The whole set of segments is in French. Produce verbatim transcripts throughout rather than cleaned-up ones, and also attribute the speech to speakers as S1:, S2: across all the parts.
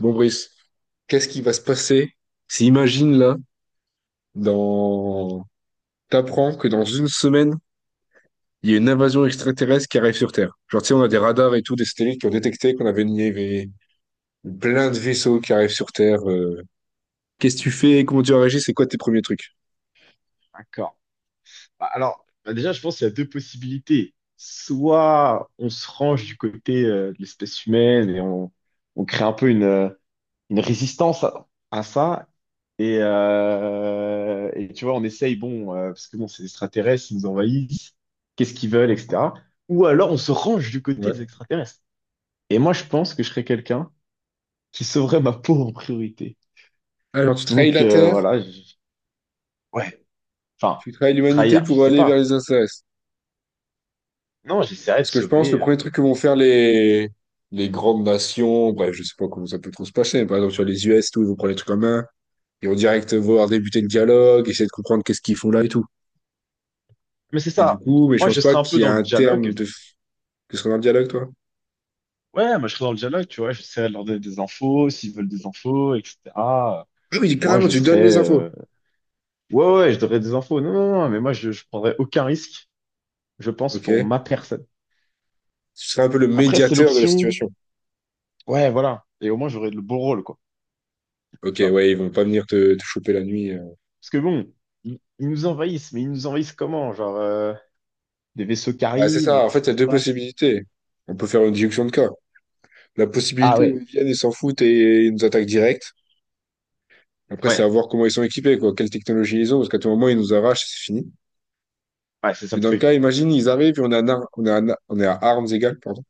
S1: Bon, Brice, qu'est-ce qui va se passer si, imagine là, dans... t'apprends que dans une semaine, il y a une invasion extraterrestre qui arrive sur Terre. Genre, tu sais, on a des radars et tout, des satellites qui ont détecté qu'on avait une... il y avait plein de vaisseaux qui arrivent sur Terre. euh. Qu'est-ce que tu fais? Comment tu réagis? C'est quoi tes premiers trucs?
S2: D'accord. Bah, alors, bah, déjà, je pense qu'il y a deux possibilités. Soit on se range du côté euh, de l'espèce humaine et on, on crée un peu une, euh, une résistance à, à ça. Et, euh, et tu vois, on essaye, bon, euh, parce que bon, c'est des extraterrestres, ils nous envahissent, qu'est-ce qu'ils veulent, et cetera. Ou alors on se range du côté des
S1: Ouais.
S2: extraterrestres. Et moi, je pense que je serais quelqu'un qui sauverait ma peau en priorité.
S1: Alors, tu trahis
S2: Donc,
S1: la
S2: euh,
S1: Terre,
S2: voilà, je- ouais, enfin,
S1: tu trahis l'humanité
S2: trahir, je
S1: pour
S2: sais
S1: aller vers
S2: pas.
S1: les extraterrestres.
S2: Non, j'essaierais de
S1: Parce que je pense,
S2: sauver.
S1: le premier
S2: euh,
S1: truc que vont faire les, les grandes nations, bref, je sais pas comment ça peut trop se passer, mais par exemple, sur les U S, et tout, ils vont prendre les trucs en main. Ils vont direct vouloir débuter le dialogue, essayer de comprendre qu'est-ce qu'ils font là et tout.
S2: Mais c'est
S1: Et du
S2: ça.
S1: coup, mais je
S2: Moi,
S1: pense
S2: je
S1: pas
S2: serais un peu
S1: qu'il y
S2: dans
S1: a
S2: le
S1: un terme
S2: dialogue.
S1: de f- que ce soit un dialogue, toi.
S2: Ouais, moi, je serais dans le dialogue, tu vois. J'essaierais de leur donner des infos, s'ils veulent des infos, et cetera.
S1: Ah oui,
S2: Moi,
S1: carrément,
S2: je
S1: tu
S2: serais.
S1: donnes les infos.
S2: euh, Ouais, ouais, je donnerais des infos. Non, non, non, mais moi, je, je prendrais aucun risque, je pense,
S1: Ok.
S2: pour ma personne.
S1: Tu serais un peu le
S2: Après, c'est
S1: médiateur de la
S2: l'option.
S1: situation.
S2: Ouais, voilà. Et au moins, j'aurais le beau rôle, quoi.
S1: Ok,
S2: Tu vois.
S1: ouais, ils vont pas venir te, te choper la nuit. euh.
S2: Parce que bon, ils, ils nous envahissent, mais ils nous envahissent comment? Genre, euh, des vaisseaux qui
S1: Bah, c'est
S2: arrivent,
S1: ça. En
S2: qu'est-ce
S1: fait, il y
S2: qui
S1: a
S2: se
S1: deux
S2: passe?
S1: possibilités. On peut faire une déduction de cas. La
S2: Ah
S1: possibilité où
S2: ouais,
S1: ils viennent, ils s'en foutent et ils nous attaquent direct. Après, c'est
S2: ouais,
S1: à voir comment ils sont équipés, quoi. Quelle technologie ils ont, parce qu'à tout moment, ils nous arrachent et c'est fini.
S2: ouais, c'est ça
S1: Mais
S2: le
S1: dans le cas,
S2: truc.
S1: imagine, ils arrivent et on est à, nar- on est à, na- on est à armes égales, pardon.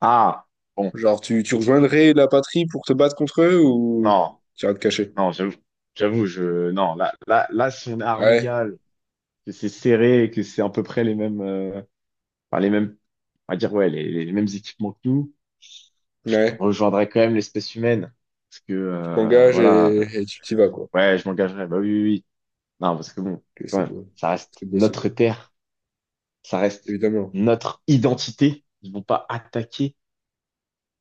S2: Ah, bon,
S1: Genre, tu, tu rejoindrais la patrie pour te battre contre eux ou
S2: non.
S1: tu iras te cacher?
S2: Non, j'avoue, j'avoue, je, non, là, là, là, si on est à armes
S1: Ouais,
S2: égales, que c'est serré et que c'est à peu près les mêmes, euh, enfin, les mêmes, on va dire, ouais, les, les mêmes équipements que nous, je
S1: ouais,
S2: rejoindrais quand même l'espèce humaine. Parce que,
S1: tu
S2: euh,
S1: t'engages
S2: voilà,
S1: et,
S2: euh,
S1: et tu t'y vas, quoi.
S2: ouais, je m'engagerais, bah oui, oui, oui. Non, parce que bon,
S1: Ok,
S2: quand
S1: c'est
S2: même,
S1: beau,
S2: ça reste
S1: c'est beau, c'est
S2: notre
S1: beau,
S2: terre, ça reste
S1: évidemment.
S2: notre identité. Ils vont pas attaquer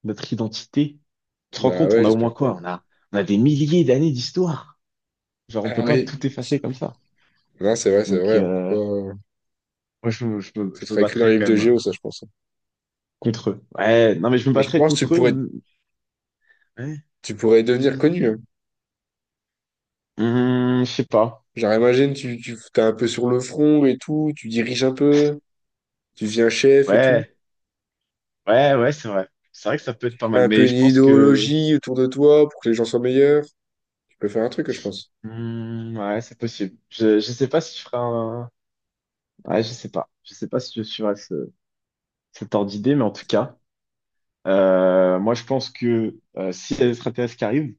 S2: notre identité. Tu te rends
S1: Bah
S2: compte,
S1: ouais,
S2: on a au moins
S1: j'espère pas.
S2: quoi? On a, on a des milliers d'années d'histoire. Genre, on
S1: Ah
S2: peut pas tout
S1: oui,
S2: effacer comme ça.
S1: non, c'est vrai, c'est
S2: Donc,
S1: vrai, on
S2: euh,
S1: peut pas...
S2: Moi, je, me- je, me,
S1: Ça
S2: je me
S1: serait écrit dans
S2: battrais
S1: les livres
S2: quand
S1: de
S2: même
S1: Géo, ça, je pense.
S2: contre eux. Ouais, non, mais je me
S1: Et je
S2: battrais
S1: pense que tu
S2: contre eux.
S1: pourrais,
S2: Hum, ouais,
S1: tu pourrais
S2: vas-y,
S1: devenir
S2: vas-y.
S1: connu, hein.
S2: Hum, je sais pas.
S1: Genre, imagine, tu, tu, t'es un peu sur le front et tout, tu diriges un peu, tu deviens chef et tout.
S2: Ouais, ouais, ouais, c'est vrai. C'est vrai que ça peut être pas
S1: Tu as
S2: mal,
S1: un peu
S2: mais
S1: une
S2: je pense que.
S1: idéologie autour de toi pour que les gens soient meilleurs. Tu peux faire un truc, je pense.
S2: Hum, ouais, c'est possible. Je, je sais pas si je ferai un. Ouais, je sais pas. Je sais pas si je suivrai ce, cet ordre d'idée, mais en tout cas, euh, moi, je pense que euh, s'il y a des extraterrestres qui arrivent,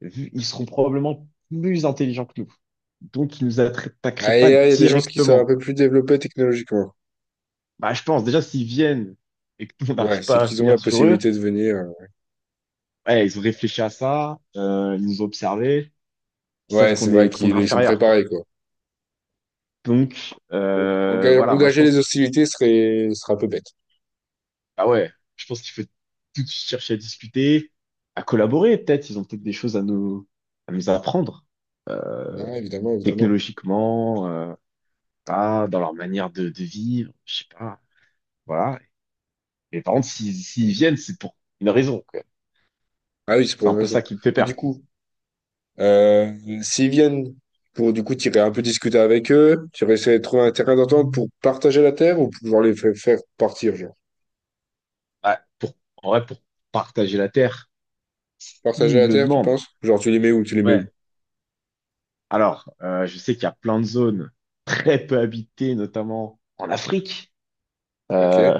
S2: vu- ils seront probablement plus intelligents que nous. Donc, ils nous
S1: Ah,
S2: attaqueraient pas
S1: et là, il y a des gens qui sont un
S2: directement.
S1: peu plus développés technologiquement.
S2: Bah, je pense déjà s'ils viennent et que nous, on
S1: Ouais,
S2: n'arrive
S1: c'est
S2: pas à
S1: qu'ils ont la
S2: venir sur eux,
S1: possibilité de venir. euh,
S2: ouais, ils ont réfléchi à ça, euh, ils nous ont observés, ils savent
S1: Ouais, c'est
S2: qu'on
S1: vrai
S2: est qu'on
S1: qu'ils
S2: est
S1: ils sont
S2: inférieur quoi.
S1: préparés, quoi.
S2: Donc
S1: Donc,
S2: euh,
S1: enga-
S2: voilà, moi je
S1: engager
S2: pense
S1: les
S2: qu'il faut,
S1: hostilités serait, serait un peu bête.
S2: ah ouais, je pense qu'il faut tout de suite chercher à discuter, à collaborer peut-être, ils ont peut-être des choses à nous à nous apprendre euh,
S1: Ah, évidemment, évidemment.
S2: technologiquement, euh, ah, dans leur manière de, de vivre, je sais pas, voilà. Mais par contre, s'ils s'ils viennent, c'est pour une raison quoi.
S1: Ah oui, c'est pour
S2: C'est un
S1: une
S2: peu
S1: raison.
S2: ça qui me fait
S1: Mais du
S2: peur.
S1: coup, euh, s'ils viennent pour, du coup, t'irais un peu discuter avec eux, t'irais essayer de trouver un terrain d'entente pour partager la terre ou pour pouvoir les fa- faire partir, genre.
S2: Bah, pour, en vrai, pour partager la Terre,
S1: Partager
S2: il
S1: la
S2: le
S1: terre, tu
S2: demande.
S1: penses? Genre, tu les mets où? Tu les mets où?
S2: Ouais. Alors, euh, je sais qu'il y a plein de zones très peu habitées, notamment en Afrique.
S1: Ok.
S2: Euh,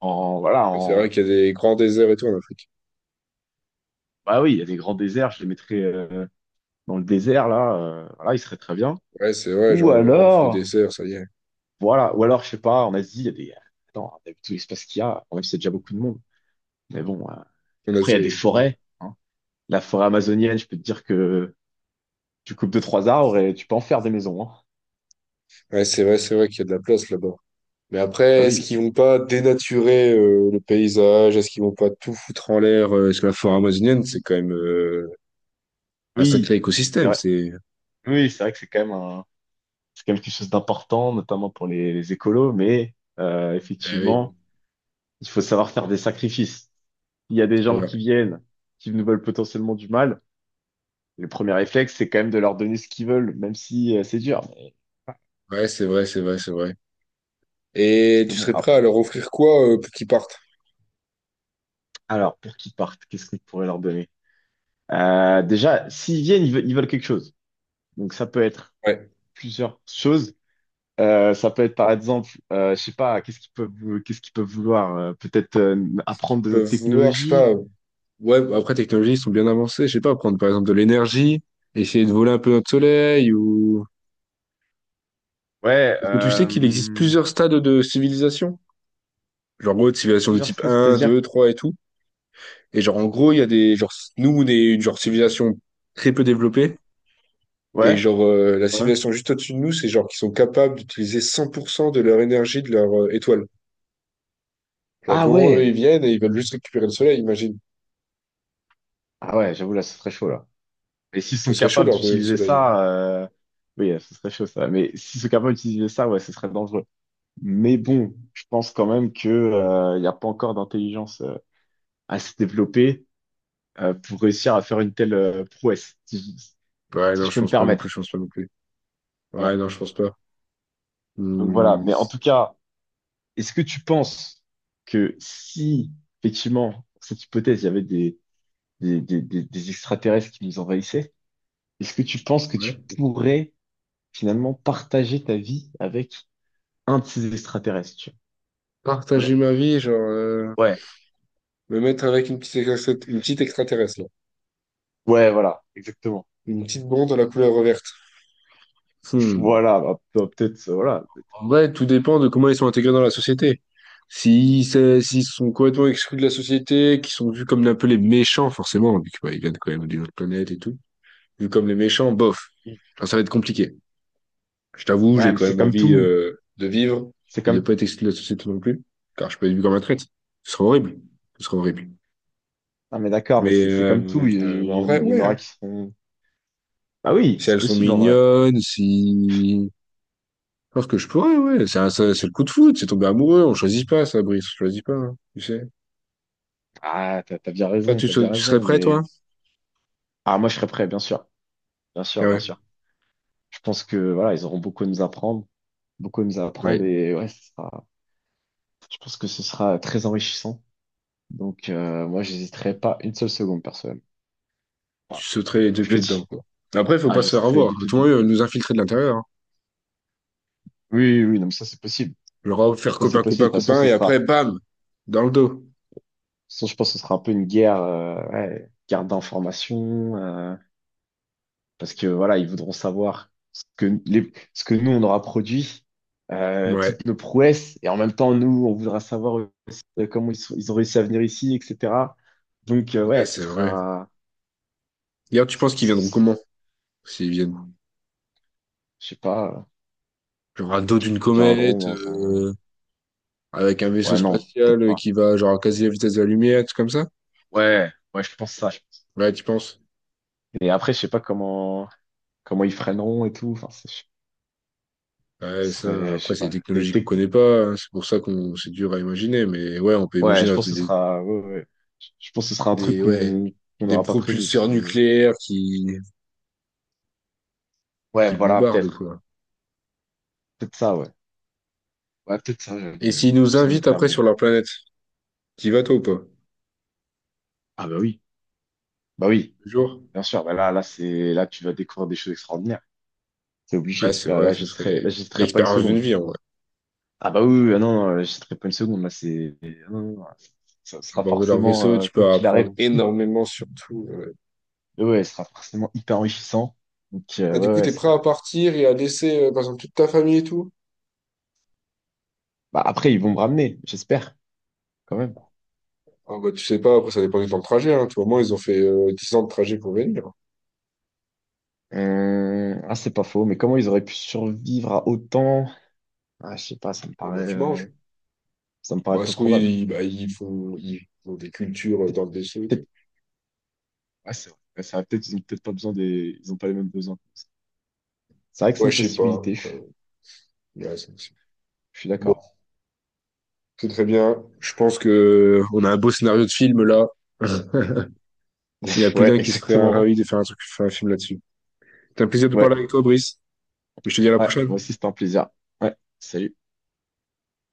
S2: en, voilà,
S1: Mais c'est
S2: en,
S1: vrai qu'il y a des grands déserts et tout en Afrique.
S2: bah oui, il y a des grands déserts, je les mettrais euh, dans le désert, là. Euh, voilà, ils seraient très bien.
S1: Ouais, c'est vrai,
S2: Ou
S1: genre, le, le
S2: alors,
S1: désert, ça y est.
S2: voilà, ou alors, je sais pas, en Asie, il y a des. Attends, on a vu tout l'espace qu'il y a, en même si c'est déjà beaucoup de monde. Mais bon, euh,
S1: En
S2: après, il
S1: Asie,
S2: y a
S1: ouais, il y
S2: des
S1: a beaucoup de monde.
S2: forêts, hein. La forêt amazonienne, je peux te dire que tu coupes deux, trois arbres et tu peux en faire des maisons, hein.
S1: Ouais, c'est vrai, c'est vrai qu'il y a de la place là-bas. Mais après,
S2: Bah
S1: est-ce
S2: oui,
S1: qu'ils vont pas dénaturer euh, le paysage? Est-ce qu'ils vont pas tout foutre en l'air? euh, Parce que la forêt amazonienne, c'est quand même euh, un sacré
S2: oui, c'est
S1: écosystème.
S2: vrai.
S1: C'est
S2: Oui, c'est vrai que c'est quand même un, c'est quand même quelque chose d'important, notamment pour les, les écolos, mais euh,
S1: eh oui,
S2: effectivement, il faut savoir faire des sacrifices. Il y a des
S1: c'est
S2: gens qui
S1: vrai.
S2: viennent, qui nous veulent potentiellement du mal. Le premier réflexe, c'est quand même de leur donner ce qu'ils veulent, même si euh, c'est dur. Mais. Parce
S1: Ouais, c'est vrai, c'est vrai, c'est vrai. Et
S2: que
S1: tu
S2: bon,
S1: serais
S2: ah,
S1: prêt à leur offrir quoi euh, pour qu'ils partent?
S2: alors, pour qu'ils partent, qu'est-ce qu'on pourrait leur donner? Euh, déjà, s'ils viennent, ils veulent, ils veulent quelque chose. Donc, ça peut être
S1: Ouais.
S2: plusieurs choses. Euh, ça peut être par exemple, euh, je sais pas, qu'est-ce qu'ils peuvent, vou- qu'est-ce qu'ils peuvent vouloir? Euh, peut-être euh,
S1: Est-ce qu'ils
S2: apprendre de notre
S1: peuvent vouloir, je sais
S2: technologie.
S1: pas. Ouais, après, technologie, ils sont bien avancés. Je sais pas, prendre par exemple de l'énergie, essayer de voler un peu notre soleil ou.
S2: Ouais,
S1: Parce que tu sais
S2: euh,
S1: qu'il existe plusieurs stades de civilisation. Genre, en gros, civilisation de
S2: plusieurs
S1: type
S2: tests,
S1: un
S2: c'est-à-dire?
S1: deux trois et tout. Et genre, en gros, il y a des, genre, nous, on est une genre civilisation très peu développée. Et
S2: Ouais,
S1: genre, euh, la
S2: ouais.
S1: civilisation juste au-dessus de nous, c'est genre qu'ils sont capables d'utiliser cent pour cent de leur énergie de leur euh, étoile. Genre, à
S2: Ah
S1: tout moment, eux, ils
S2: ouais,
S1: viennent et ils veulent juste récupérer le soleil, imagine.
S2: ah ouais, j'avoue là, ce serait chaud là. Et s'ils
S1: Ce
S2: sont
S1: serait chaud de
S2: capables
S1: leur donner le
S2: d'utiliser
S1: soleil.
S2: ça, euh, oui, euh, ce serait chaud ça. Mais s'ils sont capables d'utiliser ça, ouais, ce serait dangereux. Mais bon, je pense quand même que euh, il n'y a pas encore d'intelligence euh, assez développée euh, pour réussir à faire une telle euh, prouesse, si, je
S1: Ouais,
S2: si
S1: non,
S2: je
S1: je
S2: peux me
S1: pense pas non plus, je
S2: permettre.
S1: pense pas non plus. Ouais,
S2: Voilà.
S1: non, je pense pas.
S2: Donc voilà,
S1: Hmm.
S2: mais en tout cas, est-ce que tu penses que si, effectivement, cette hypothèse, il y avait des, des, des, des, des extraterrestres qui nous envahissaient, est-ce que tu penses que tu
S1: Ouais.
S2: pourrais finalement partager ta vie avec un de ces extraterrestres? Tu vois?
S1: Partager ma vie, genre, euh,
S2: Voilà. Ouais.
S1: me mettre avec une petite, extra- une petite extraterrestre, là.
S2: Ouais, voilà, exactement.
S1: Une petite blonde à la couleur verte. Hmm.
S2: Voilà, bah, peut- peut-être, euh, voilà. Peut-être.
S1: En vrai, tout dépend de comment ils sont intégrés dans la société. Si c'est- S'ils sont complètement exclus de la société, qu'ils sont vus comme un peu les méchants, forcément, vu qu'ils viennent quand même d'une autre planète et tout, vus comme les méchants, bof. Alors, ça va être compliqué. Je t'avoue, j'ai
S2: Ouais, mais
S1: quand
S2: c'est
S1: même
S2: comme
S1: envie
S2: tout.
S1: euh, de vivre
S2: C'est
S1: et de
S2: comme.
S1: pas être exclu de la société non plus, car je peux être vu comme un traître. Ce serait horrible. Ce serait horrible.
S2: Ah mais d'accord, mais
S1: Mais
S2: c'est c'est comme tout.
S1: euh,
S2: Il y,
S1: euh, bah,
S2: il
S1: en
S2: y
S1: vrai,
S2: en il y en
S1: ouais,
S2: aura
S1: hein.
S2: qui seront. Ah oui,
S1: Si
S2: c'est
S1: elles sont
S2: possible en vrai.
S1: mignonnes, si... Je pense que je pourrais, ouais. C'est un- c'est c'est le coup de foot, c'est tomber amoureux, on choisit pas ça, Brice, on choisit pas, hein, tu sais.
S2: Ah, t'as t'as bien
S1: Toi,
S2: raison,
S1: tu,
S2: t'as
S1: sau-
S2: bien
S1: tu serais
S2: raison,
S1: prêt, toi?
S2: mais. Ah, moi, je serais prêt, bien sûr. Bien
S1: Ah
S2: sûr, bien
S1: ouais.
S2: sûr. Je pense que voilà, ils auront beaucoup à nous apprendre, beaucoup à nous apprendre
S1: Ouais.
S2: et ouais, ce sera- je pense que ce sera très enrichissant. Donc euh, moi, j'hésiterai pas une seule seconde, personnellement.
S1: Tu
S2: Voilà.
S1: sauterais les deux
S2: Je le
S1: pieds dedans,
S2: dis.
S1: quoi. Après, faut
S2: Ah,
S1: pas
S2: je
S1: se faire
S2: serai
S1: avoir. Tout le
S2: défiant.
S1: monde euh, nous infiltrer de l'intérieur, hein.
S2: Oui, oui, oui, non, mais ça c'est possible.
S1: Genre, euh, faire
S2: Ça c'est
S1: copain,
S2: possible. De
S1: copain,
S2: toute façon,
S1: copain,
S2: ce
S1: et après,
S2: sera,
S1: bam! Dans le dos.
S2: de toute façon, je pense que ce sera un peu une guerre, euh, ouais, guerre d'information. Euh, parce que voilà, ils voudront savoir ce que, les- ce que nous, on aura produit, euh,
S1: Ouais.
S2: toutes nos prouesses, et en même temps, nous, on voudra savoir aussi, euh, comment ils, sont- ils ont réussi à venir ici, et cetera. Donc, euh,
S1: Ouais,
S2: ouais, ce
S1: c'est vrai.
S2: sera,
S1: D'ailleurs, tu penses
S2: c'est-
S1: qu'ils viendront
S2: c'est-
S1: comment? S'ils viennent.
S2: je sais pas, euh,
S1: Genre, à dos d'une
S2: viendront
S1: comète,
S2: dans un.
S1: euh, avec un vaisseau
S2: Ouais, non, peut-être
S1: spatial euh,
S2: pas.
S1: qui va, genre, à quasi la vitesse de la lumière, tout comme ça?
S2: Ouais, ouais, je pense ça. Je pense.
S1: Ouais, tu penses?
S2: Et après, je sais pas comment, comment ils freineront et tout. Enfin, c'est- je-
S1: Ouais,
S2: ce
S1: ça,
S2: serait, je
S1: après,
S2: sais
S1: c'est
S2: pas,
S1: des
S2: des
S1: technologies qu'on connaît
S2: techniques.
S1: pas, hein. C'est pour ça qu'on, c'est dur à imaginer. Mais ouais, on peut
S2: Ouais, je
S1: imaginer
S2: pense que ce
S1: des,
S2: sera, ouais, ouais. Ouais. Je je pense que ce sera un truc
S1: des, ouais,
S2: qu'on qu'on
S1: des
S2: n'aura pas prévu, parce
S1: propulseurs
S2: que.
S1: nucléaires qui, qui
S2: Ouais, voilà,
S1: bombardent,
S2: peut-être.
S1: quoi.
S2: Peut-être ça, ouais. Ouais, peut-être ça, j'avoue,
S1: Et
S2: ouais.
S1: s'ils nous
S2: Puissant
S1: invitent
S2: nucléaire,
S1: après sur
S2: mais.
S1: leur planète, t'y vas toi ou pas?
S2: Ah bah oui, bah oui,
S1: Toujours?
S2: bien sûr. Bah là, là, c'est là, tu vas découvrir des choses extraordinaires. C'est
S1: Ouais,
S2: obligé.
S1: c'est
S2: Là,
S1: vrai,
S2: là, je
S1: ce
S2: j'hésiterai, là, je
S1: serait
S2: j'hésiterai pas une
S1: l'expérience d'une
S2: seconde.
S1: vie, en vrai.
S2: Ah bah oui, oui, oui. Ah non, non, là, j'hésiterai pas une seconde. Là, c'est. Ah, non, non, non, ça
S1: À
S2: sera
S1: bord de leur vaisseau,
S2: forcément, euh,
S1: tu
S2: quoi
S1: peux
S2: qu'il
S1: apprendre
S2: arrive,
S1: énormément sur tout, ouais.
S2: mais ouais, ça sera forcément hyper enrichissant. Donc, euh,
S1: Ah, du
S2: ouais,
S1: coup,
S2: ouais.
S1: t'es prêt
S2: c'est-
S1: à partir et à laisser, euh, par exemple, toute ta famille et tout?
S2: Bah, après, ils vont me ramener, j'espère, quand même.
S1: Ah, bah, tu sais pas, après, ça dépend du temps de trajet, hein. Tu vois, moi, ils ont fait euh, dix ans de trajet pour venir.
S2: Hum, Ah, c'est pas faux, mais comment ils auraient pu survivre à autant? Ah, je sais pas, ça me
S1: Bon, bah,
S2: paraît,
S1: tu
S2: euh,
S1: manges.
S2: ça me paraît
S1: Bah,
S2: peu
S1: ce
S2: probable.
S1: qu'ils bah, ils font, ils font des cultures euh, dans le vaisseau et
S2: Peut-être,
S1: tout.
S2: ouais, c'est vrai. Ouais, c'est vrai. Peut-être, ils ont peut-être pas besoin des, ils ont pas les mêmes besoins. C'est vrai que c'est
S1: Ouais,
S2: une
S1: je sais pas,
S2: possibilité.
S1: quoi.
S2: Je
S1: Ouais, c'est- c'est-
S2: je suis d'accord.
S1: C'est très bien. Je pense que on a un beau scénario de film là. Il y a plus
S2: Ouais,
S1: d'un qui serait
S2: exactement.
S1: ravi de faire un truc, faire un film là-dessus. C'était un plaisir de parler
S2: Ouais,
S1: avec toi, Brice. Je te dis à la
S2: ouais. Moi
S1: prochaine.
S2: aussi, c'était un plaisir. Ouais. Salut.